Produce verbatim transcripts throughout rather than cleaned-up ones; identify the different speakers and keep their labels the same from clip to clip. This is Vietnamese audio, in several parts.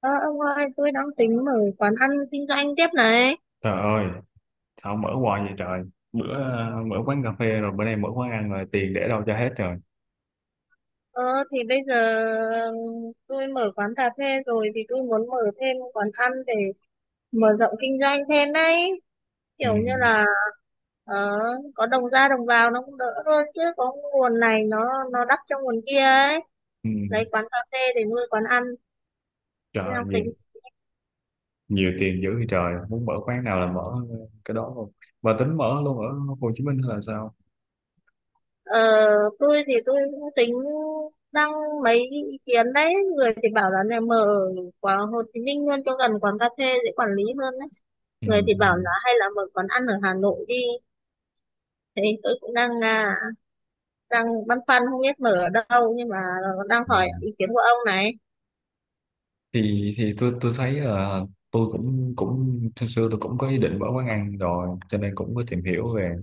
Speaker 1: Ờ, ông ơi, tôi đang tính mở quán ăn kinh doanh tiếp này.
Speaker 2: Trời ơi, sao mở hoài vậy trời? Bữa ờ, mở quán cà phê rồi bữa nay mở quán ăn rồi tiền để đâu cho hết rồi.
Speaker 1: Ờ, thì bây giờ tôi mở quán cà phê rồi thì tôi muốn mở thêm quán ăn để mở rộng kinh doanh thêm đấy.
Speaker 2: Ừ,
Speaker 1: Kiểu như là ờ, có đồng ra đồng vào nó cũng đỡ hơn, chứ có nguồn này nó nó đắp cho nguồn kia ấy.
Speaker 2: ừ,
Speaker 1: Lấy quán cà phê để nuôi quán ăn.
Speaker 2: trời
Speaker 1: Tôi
Speaker 2: ơi,
Speaker 1: đang
Speaker 2: nhiều,
Speaker 1: tính.
Speaker 2: nhiều tiền dữ vậy trời, muốn mở quán nào là mở cái đó luôn. Và tính mở luôn ở Hồ Chí Minh hay là sao?
Speaker 1: Ờ, tôi thì tôi cũng tính đăng mấy ý kiến đấy, người thì bảo là này mở quán Hồ Chí Minh luôn cho gần quán cà phê dễ quản lý hơn đấy,
Speaker 2: Ừ,
Speaker 1: người thì
Speaker 2: ừ,
Speaker 1: bảo là hay là mở quán ăn ở Hà Nội đi. Thế tôi cũng đang à, đang băn khoăn không biết mở ở đâu, nhưng mà đang
Speaker 2: ừ.
Speaker 1: hỏi ý kiến của ông này.
Speaker 2: Thì thì tôi tôi thấy là tôi cũng cũng hồi xưa tôi cũng có ý định mở quán ăn rồi, cho nên cũng có tìm hiểu về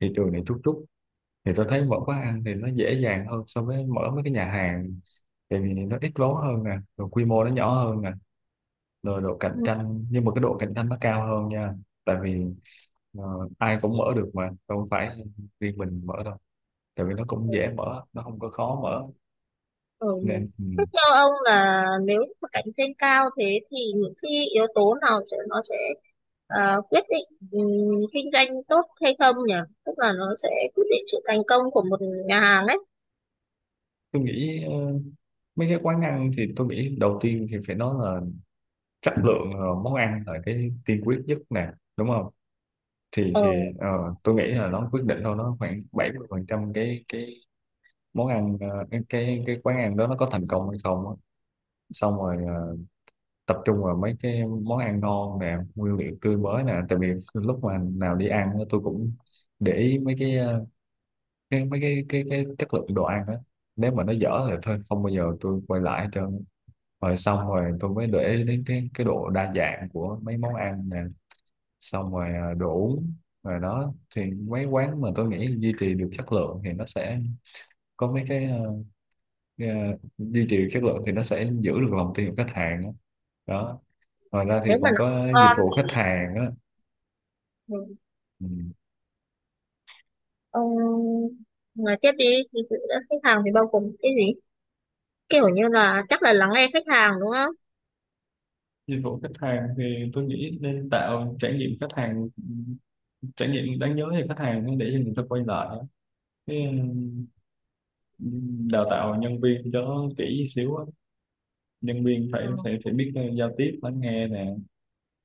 Speaker 2: thị trường này chút chút. Thì tôi thấy mở quán ăn thì nó dễ dàng hơn so với mở mấy cái nhà hàng, tại vì nó ít vốn hơn nè, rồi quy mô nó nhỏ hơn nè, rồi độ cạnh tranh, nhưng mà cái độ cạnh tranh nó cao hơn nha, tại vì ờ, ai cũng mở được mà không phải riêng mình mở đâu, tại vì nó cũng dễ mở, nó không có khó mở
Speaker 1: Ừ.
Speaker 2: nên ừ.
Speaker 1: Thế theo ông, là nếu mà cạnh tranh cao thế thì những cái yếu tố nào sẽ nó sẽ ờ, quyết định, ừm, kinh doanh tốt hay không nhỉ? Tức là nó sẽ quyết định sự thành công của một nhà hàng ấy.
Speaker 2: Tôi nghĩ ờ, mấy cái quán ăn thì tôi nghĩ đầu tiên thì phải nói là chất lượng ờ, món ăn là cái tiên quyết nhất nè, đúng không? thì
Speaker 1: Ờ,
Speaker 2: thì ờ, tôi nghĩ là nó quyết định thôi, nó khoảng bảy mươi phần trăm cái cái món ăn, ờ, cái cái cái quán ăn đó nó có thành công hay không á. Xong rồi ờ, tập trung vào mấy cái món ăn ngon nè, nguyên liệu tươi mới nè, tại vì lúc mà nào đi ăn á, tôi cũng để ý mấy cái ờ, cái mấy cái cái cái chất lượng đồ ăn đó, nếu mà nó dở thì thôi không bao giờ tôi quay lại hết trơn. Rồi xong rồi tôi mới để ý đến cái cái độ đa dạng của mấy món ăn nè, xong rồi ờ, đồ uống. Rồi đó, thì mấy quán mà tôi nghĩ duy trì được chất lượng thì nó sẽ có mấy cái ờ, cái, ờ, duy trì được chất lượng thì nó sẽ giữ được lòng tin của khách hàng đó. Đó, ngoài ra thì
Speaker 1: nếu mà
Speaker 2: còn
Speaker 1: nó không
Speaker 2: có dịch
Speaker 1: ngon
Speaker 2: vụ khách
Speaker 1: thì,
Speaker 2: hàng á.
Speaker 1: ừ,
Speaker 2: Ừ.
Speaker 1: ông nói tiếp đi. Thì sự đã khách hàng thì bao gồm cái gì? Kiểu như là chắc là lắng nghe khách hàng đúng không?
Speaker 2: Dịch vụ khách hàng thì tôi nghĩ nên tạo trải nghiệm khách hàng, trải nghiệm đáng nhớ thì khách hàng để cho người ta quay lại cái ừm, đào tạo nhân viên cho kỹ xíu á. Nhân viên phải
Speaker 1: Ừ.
Speaker 2: phải phải biết ờ, giao tiếp, lắng nghe nè,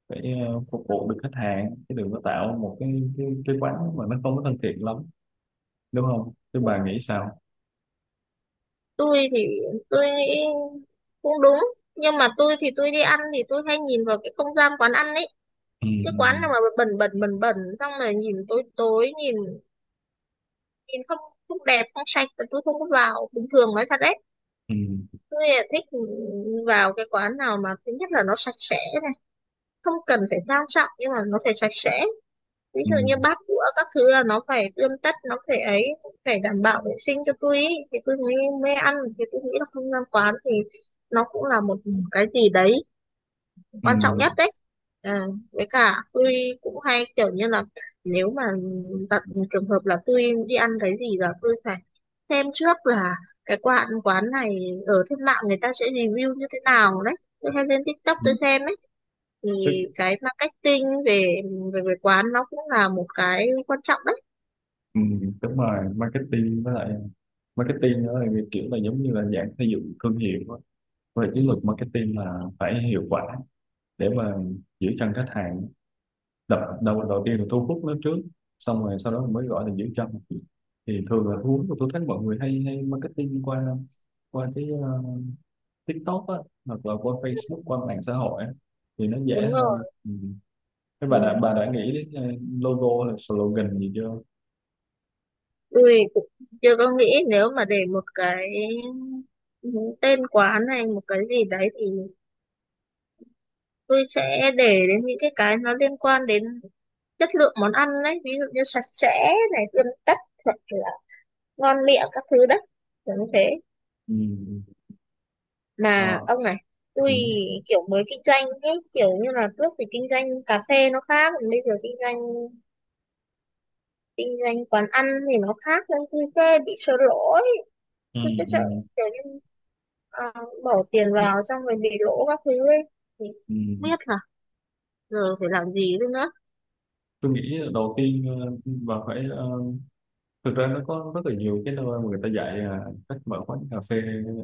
Speaker 2: phải ờ, phục vụ được khách hàng, chứ đừng có tạo một cái cái, cái quán mà nó không có thân thiện lắm, đúng không? Chứ bà nghĩ sao?
Speaker 1: Tôi thì tôi nghĩ cũng đúng, nhưng mà tôi thì tôi đi ăn thì tôi hay nhìn vào cái không gian quán ăn ấy.
Speaker 2: Ừ,
Speaker 1: Cái quán nào mà bẩn bẩn bẩn bẩn xong rồi nhìn tối tối, nhìn nhìn không, không đẹp, không sạch là tôi không có vào, bình thường nói thật đấy.
Speaker 2: ừ,
Speaker 1: Tôi là thích vào cái quán nào mà thứ nhất là nó sạch sẽ này, không cần phải sang trọng nhưng mà nó phải sạch sẽ, ví
Speaker 2: ừ,
Speaker 1: dụ như bát đũa các thứ là nó phải tươm tất, nó phải ấy, phải đảm bảo vệ sinh cho tôi ý, thì tôi mới mới ăn. Thì tôi nghĩ là không gian quán thì nó cũng là một cái gì đấy
Speaker 2: ừ,
Speaker 1: quan trọng nhất đấy. À, với cả tôi cũng hay kiểu như là nếu mà gặp trường hợp là tôi đi ăn cái gì là tôi phải xem trước là cái quán quán này ở trên mạng người ta sẽ review như thế nào đấy, tôi hay lên TikTok
Speaker 2: ừ.
Speaker 1: tôi xem đấy.
Speaker 2: tức
Speaker 1: Thì cái marketing về về về quán nó cũng là một cái quan trọng đấy.
Speaker 2: ừm, đúng rồi, marketing với lại marketing đó thì kiểu là giống như là dạng xây dựng thương hiệu đó. Về chiến lược marketing là phải hiệu quả để mà giữ chân khách hàng. Đập đầu đầu tiên là thu hút nó trước, xong rồi sau đó mới gọi là giữ chân. Thì thường là thu hút tôi thấy mọi người hay hay marketing qua qua cái ờ, TikTok á, hoặc là qua Facebook, qua mạng xã hội á, thì nó dễ
Speaker 1: Đúng
Speaker 2: hơn
Speaker 1: rồi.
Speaker 2: ừ. Thế
Speaker 1: Ừ.
Speaker 2: bà đã bà đã nghĩ đến ờ, logo là slogan gì chưa?
Speaker 1: Tôi cũng chưa có nghĩ, nếu mà để một cái tên quán này một cái gì đấy thì tôi sẽ để đến những cái cái nó liên quan đến chất lượng món ăn đấy, ví dụ như sạch sẽ này, tươm tất hoặc là ngon miệng các thứ đấy, kiểu như thế.
Speaker 2: Ừ. Ừ.
Speaker 1: Mà
Speaker 2: Ờ.
Speaker 1: ông này,
Speaker 2: Ừ.
Speaker 1: tôi kiểu mới kinh doanh ấy, kiểu như là trước thì kinh doanh cà phê nó khác, còn bây giờ kinh doanh kinh doanh quán ăn thì nó khác, nên tôi sẽ bị sợ lỗ ấy.
Speaker 2: Ừ.
Speaker 1: Tôi cứ sợ
Speaker 2: Ừ.
Speaker 1: kiểu như ờ, bỏ tiền vào xong rồi bị lỗ các thứ ấy, thì
Speaker 2: Ừ. Ừ.
Speaker 1: không biết là giờ phải làm gì nữa.
Speaker 2: Tôi nghĩ đầu tiên ờ, bà phải ờ, thực ra nó có rất là nhiều cái nơi mà người ta dạy ờ, cách mở quán cà phê,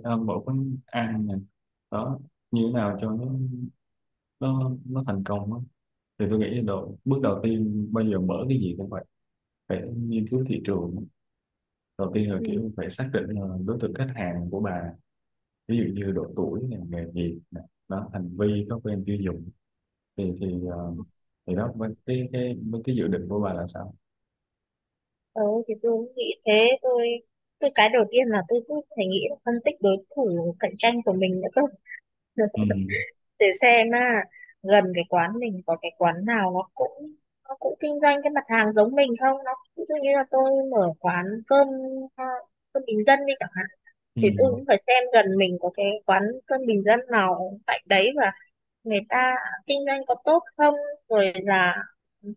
Speaker 2: à, mở quán ăn này đó, như thế nào cho nó nó nó thành công á. Thì tôi nghĩ đầu bước đầu tiên bây giờ mở cái gì cũng phải, phải nghiên cứu thị trường. Đầu tiên là
Speaker 1: Ừ.
Speaker 2: kiểu phải xác định là đối tượng khách hàng của bà, ví dụ như độ tuổi này, nghề nghiệp này đó, hành vi, thói quen tiêu dùng. Thì thì ờ, thì đó với cái cái với cái dự định của bà là sao?
Speaker 1: Ừ, thì tôi cũng nghĩ thế. Tôi tôi cái đầu tiên là tôi cứ phải nghĩ là phân tích đối thủ cạnh tranh của mình nữa cơ.
Speaker 2: Ừ.
Speaker 1: Để xem, à, gần cái quán mình có cái quán nào nó cũng nó cũng kinh doanh cái mặt hàng giống mình không, nó ví dụ như là tôi mở quán cơm, à, cơm bình dân đi chẳng hạn,
Speaker 2: Ừ.
Speaker 1: thì tôi cũng phải xem gần mình có cái quán cơm bình dân nào tại đấy, và người ta kinh doanh có tốt không, rồi là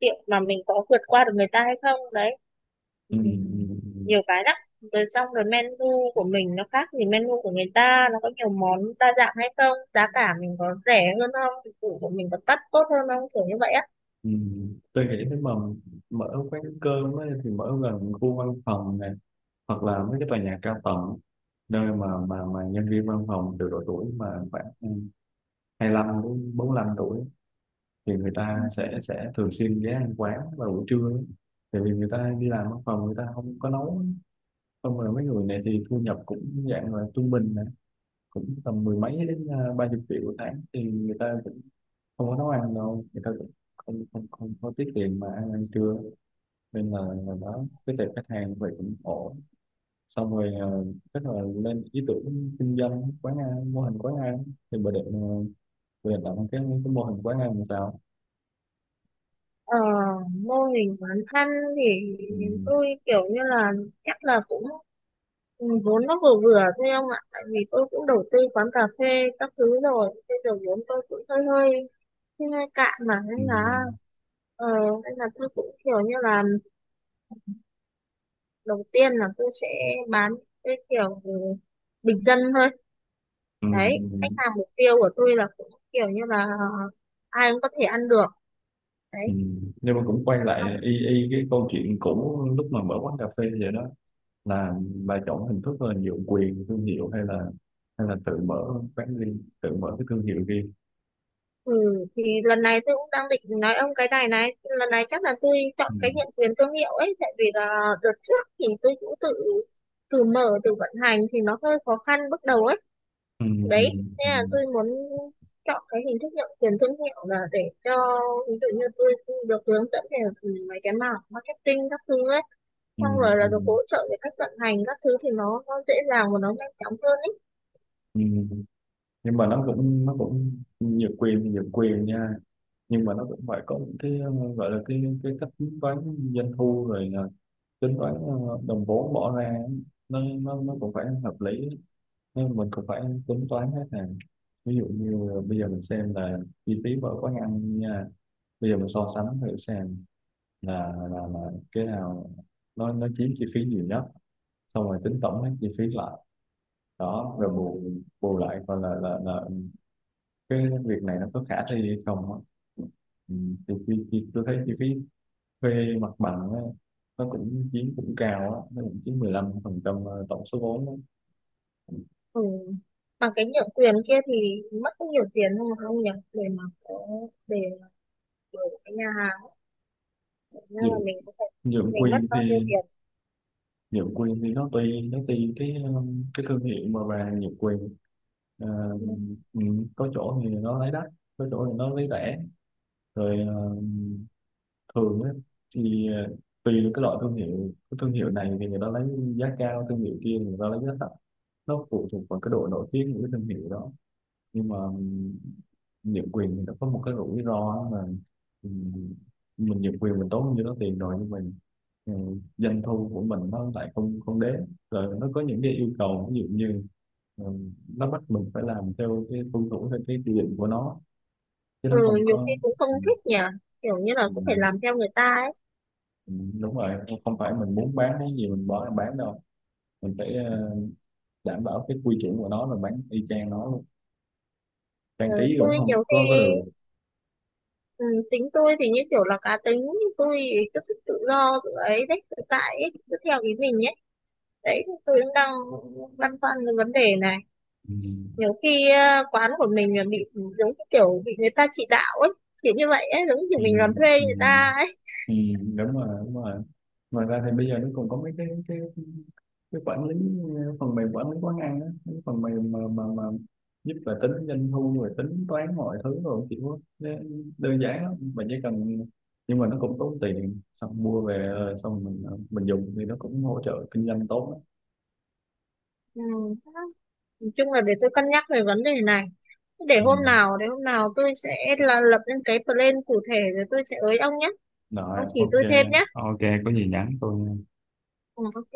Speaker 1: liệu là mình có vượt qua được người ta hay không đấy.
Speaker 2: Ừ,
Speaker 1: Ừ.
Speaker 2: ừ, ừ,
Speaker 1: Nhiều cái lắm. Rồi xong rồi menu của mình nó khác thì menu của người ta nó có nhiều món đa dạng hay không, giá cả mình có rẻ hơn không, dịch vụ của mình có đắt tốt hơn không, kiểu như vậy á.
Speaker 2: ừ. Tôi nghĩ nếu mà mở quán cơm ấy, thì mở gần khu văn phòng này, hoặc là mấy cái tòa nhà cao tầng, nơi mà mà mà nhân viên văn phòng từ độ tuổi mà khoảng hai lăm đến bốn lăm tuổi, thì người
Speaker 1: Ừ.
Speaker 2: ta sẽ sẽ thường xuyên ghé ăn quán vào buổi trưa ấy. Tại vì người ta đi làm văn phòng người ta không có nấu, xong rồi mấy người này thì thu nhập cũng dạng là trung bình này, cũng tầm mười mấy đến à, ba chục triệu một tháng, thì người ta không có nấu ăn đâu, người ta cũng không không không có tiết kiệm mà ăn ăn trưa, nên là là đó cái tệp khách hàng vậy cũng ổn. Xong rồi ờ, chắc là lên ý tưởng kinh doanh quán ăn, mô hình quán ăn. Thì bà định ờ, bà định làm cái cái mô hình quán ăn làm sao?
Speaker 1: Ờ, mô hình quán ăn thì
Speaker 2: Ừ,
Speaker 1: tôi kiểu như là chắc là cũng, ừ, vốn nó vừa vừa thôi ông ạ, tại vì tôi cũng đầu tư quán cà phê các thứ rồi, bây giờ vốn tôi cũng hơi hơi hơi hơi cạn mà,
Speaker 2: ừ,
Speaker 1: nên là ờ, nên là tôi cũng kiểu như là đầu tiên là tôi sẽ bán cái kiểu bình dân thôi
Speaker 2: ừ,
Speaker 1: đấy. Khách
Speaker 2: ừ,
Speaker 1: hàng mục tiêu của tôi là cũng kiểu như là ai cũng có thể ăn được
Speaker 2: ừ.
Speaker 1: đấy.
Speaker 2: Nhưng mà cũng quay lại y y cái câu chuyện cũ lúc mà mở quán cà phê vậy đó, là bà chọn hình thức là nhượng quyền thương hiệu, hay là hay là tự mở quán riêng, tự mở cái thương hiệu riêng?
Speaker 1: Ừ, thì lần này tôi cũng đang định nói ông cái này này, lần này chắc là tôi
Speaker 2: Ừ.
Speaker 1: chọn cái nhận quyền thương hiệu ấy, tại vì là đợt trước thì tôi cũng tự tự mở tự vận hành thì nó hơi khó khăn bước đầu ấy.
Speaker 2: Ừ, ừ,
Speaker 1: Đấy
Speaker 2: ừ,
Speaker 1: nên là tôi muốn chọn cái hình thức nhận quyền thương hiệu là để cho, ví dụ như tôi được hướng dẫn về, ừ, mấy cái mảng marketing các thứ ấy,
Speaker 2: ừ,
Speaker 1: xong rồi
Speaker 2: ừ,
Speaker 1: là được hỗ trợ về cách vận hành các thứ, thì nó nó dễ dàng và nó nhanh chóng hơn ấy.
Speaker 2: ừ. Nhưng mà nó cũng nó cũng nhiều quyền thì nhiều quyền nha, nhưng mà nó cũng phải có những cái ờ, gọi là cái cái cách tính toán doanh thu, rồi là tính toán ờ, đồng vốn bỏ ra ấy. Nó nó nó cũng phải hợp lý, nên mình cũng phải tính toán hết nè. Ví dụ như bây giờ mình xem là chi phí mỗi quán ăn nha, bây giờ mình so sánh thử xem là là, là cái nào nó nó chiếm chi phí nhiều nhất, xong rồi tính tổng hết chi phí lại đó,
Speaker 1: Ừ.
Speaker 2: rồi bù bù lại coi là là là cái việc này nó có khả thi hay không á. Ừ. thì, thì, thì tôi thấy chi phí thuê mặt bằng á, nó cũng chiếm cũng cao á, nó cũng chiếm mười lăm phần trăm ờ, tổng số vốn á.
Speaker 1: Ừ. Bằng cái nhượng quyền kia thì mất cũng nhiều tiền không không nhỉ, để mà có để mở cái nhà hàng, nên là
Speaker 2: Nhượng
Speaker 1: mình có thể
Speaker 2: nhượng
Speaker 1: mình mất
Speaker 2: quyền
Speaker 1: bao nhiêu
Speaker 2: thì,
Speaker 1: tiền?
Speaker 2: nhượng quyền thì nó tùy, nó tùy cái um, cái thương hiệu mà bà nhượng quyền. Ờ,
Speaker 1: Ừ.
Speaker 2: ừ. Có chỗ thì nó lấy đắt, có chỗ thì nó lấy rẻ, rồi ờ, thường á, thì ờ, tùy vào cái loại thương hiệu. Cái thương hiệu này thì người ta lấy giá cao, thương hiệu kia người ta lấy giá thấp, nó phụ thuộc vào cái độ nổi tiếng của cái thương hiệu đó. Nhưng mà ừm, nhượng quyền thì nó có một cái rủi ro là ừm, mình nhượng quyền mình tốn như đó tiền rồi, nhưng mình, ừ, doanh thu của mình nó lại không không đến. Rồi nó có những cái yêu cầu, ví dụ như ừ, nó bắt mình phải làm theo cái tuân thủ theo cái quy định của nó, chứ
Speaker 1: Ừ,
Speaker 2: nó không
Speaker 1: nhiều khi
Speaker 2: có
Speaker 1: cũng không
Speaker 2: ừ,
Speaker 1: thích nhỉ, kiểu như là
Speaker 2: ừ.
Speaker 1: cũng phải làm theo người ta ấy.
Speaker 2: Ừm, đúng rồi, không không phải mình muốn bán cái gì mình bỏ ra bán đâu, mình phải ờ, đảm bảo cái quy chuẩn của nó, rồi bán y chang nó luôn,
Speaker 1: Ừ,
Speaker 2: trang trí cũng
Speaker 1: tôi
Speaker 2: không
Speaker 1: nhiều khi,
Speaker 2: có có được.
Speaker 1: ừ, tính tôi thì như kiểu là cá tính, nhưng tôi thì cứ thích tự do tự ấy đấy, tự tại ấy, cứ theo ý mình ấy. Đấy tôi cũng đang băn khoăn cái vấn đề này,
Speaker 2: Ừ,
Speaker 1: nhiều khi ờ, quán của mình là bị, ừ, giống như kiểu bị người ta chỉ đạo ấy, kiểu như vậy ấy, giống như kiểu
Speaker 2: ừ,
Speaker 1: mình làm thuê
Speaker 2: ừ,
Speaker 1: người ta ấy.
Speaker 2: ừ, đúng rồi, đúng rồi. Ngoài ra thì bây giờ nó còn có mấy cái cái cái quản lý, ờ, phần mềm quản lý quán ăn á, cái phần mềm mà mà mà giúp là tính doanh thu, rồi tính toán mọi thứ, rồi kiểu đơn giản lắm mình chỉ cần. Nhưng mà nó cũng tốn tiền, xong mua về ờ, xong mình ờ, mình dùng thì nó cũng hỗ trợ kinh doanh tốt.
Speaker 1: Ừ. Nói chung là để tôi cân nhắc về vấn đề này, để
Speaker 2: Ừ.
Speaker 1: hôm nào để hôm nào tôi sẽ là lập lên cái plan cụ thể rồi tôi sẽ ới ông nhé.
Speaker 2: Rồi,
Speaker 1: Ông chỉ
Speaker 2: ok.
Speaker 1: tôi thêm nhé.
Speaker 2: Ok, có gì nhắn tôi nha.
Speaker 1: Ừ, ok.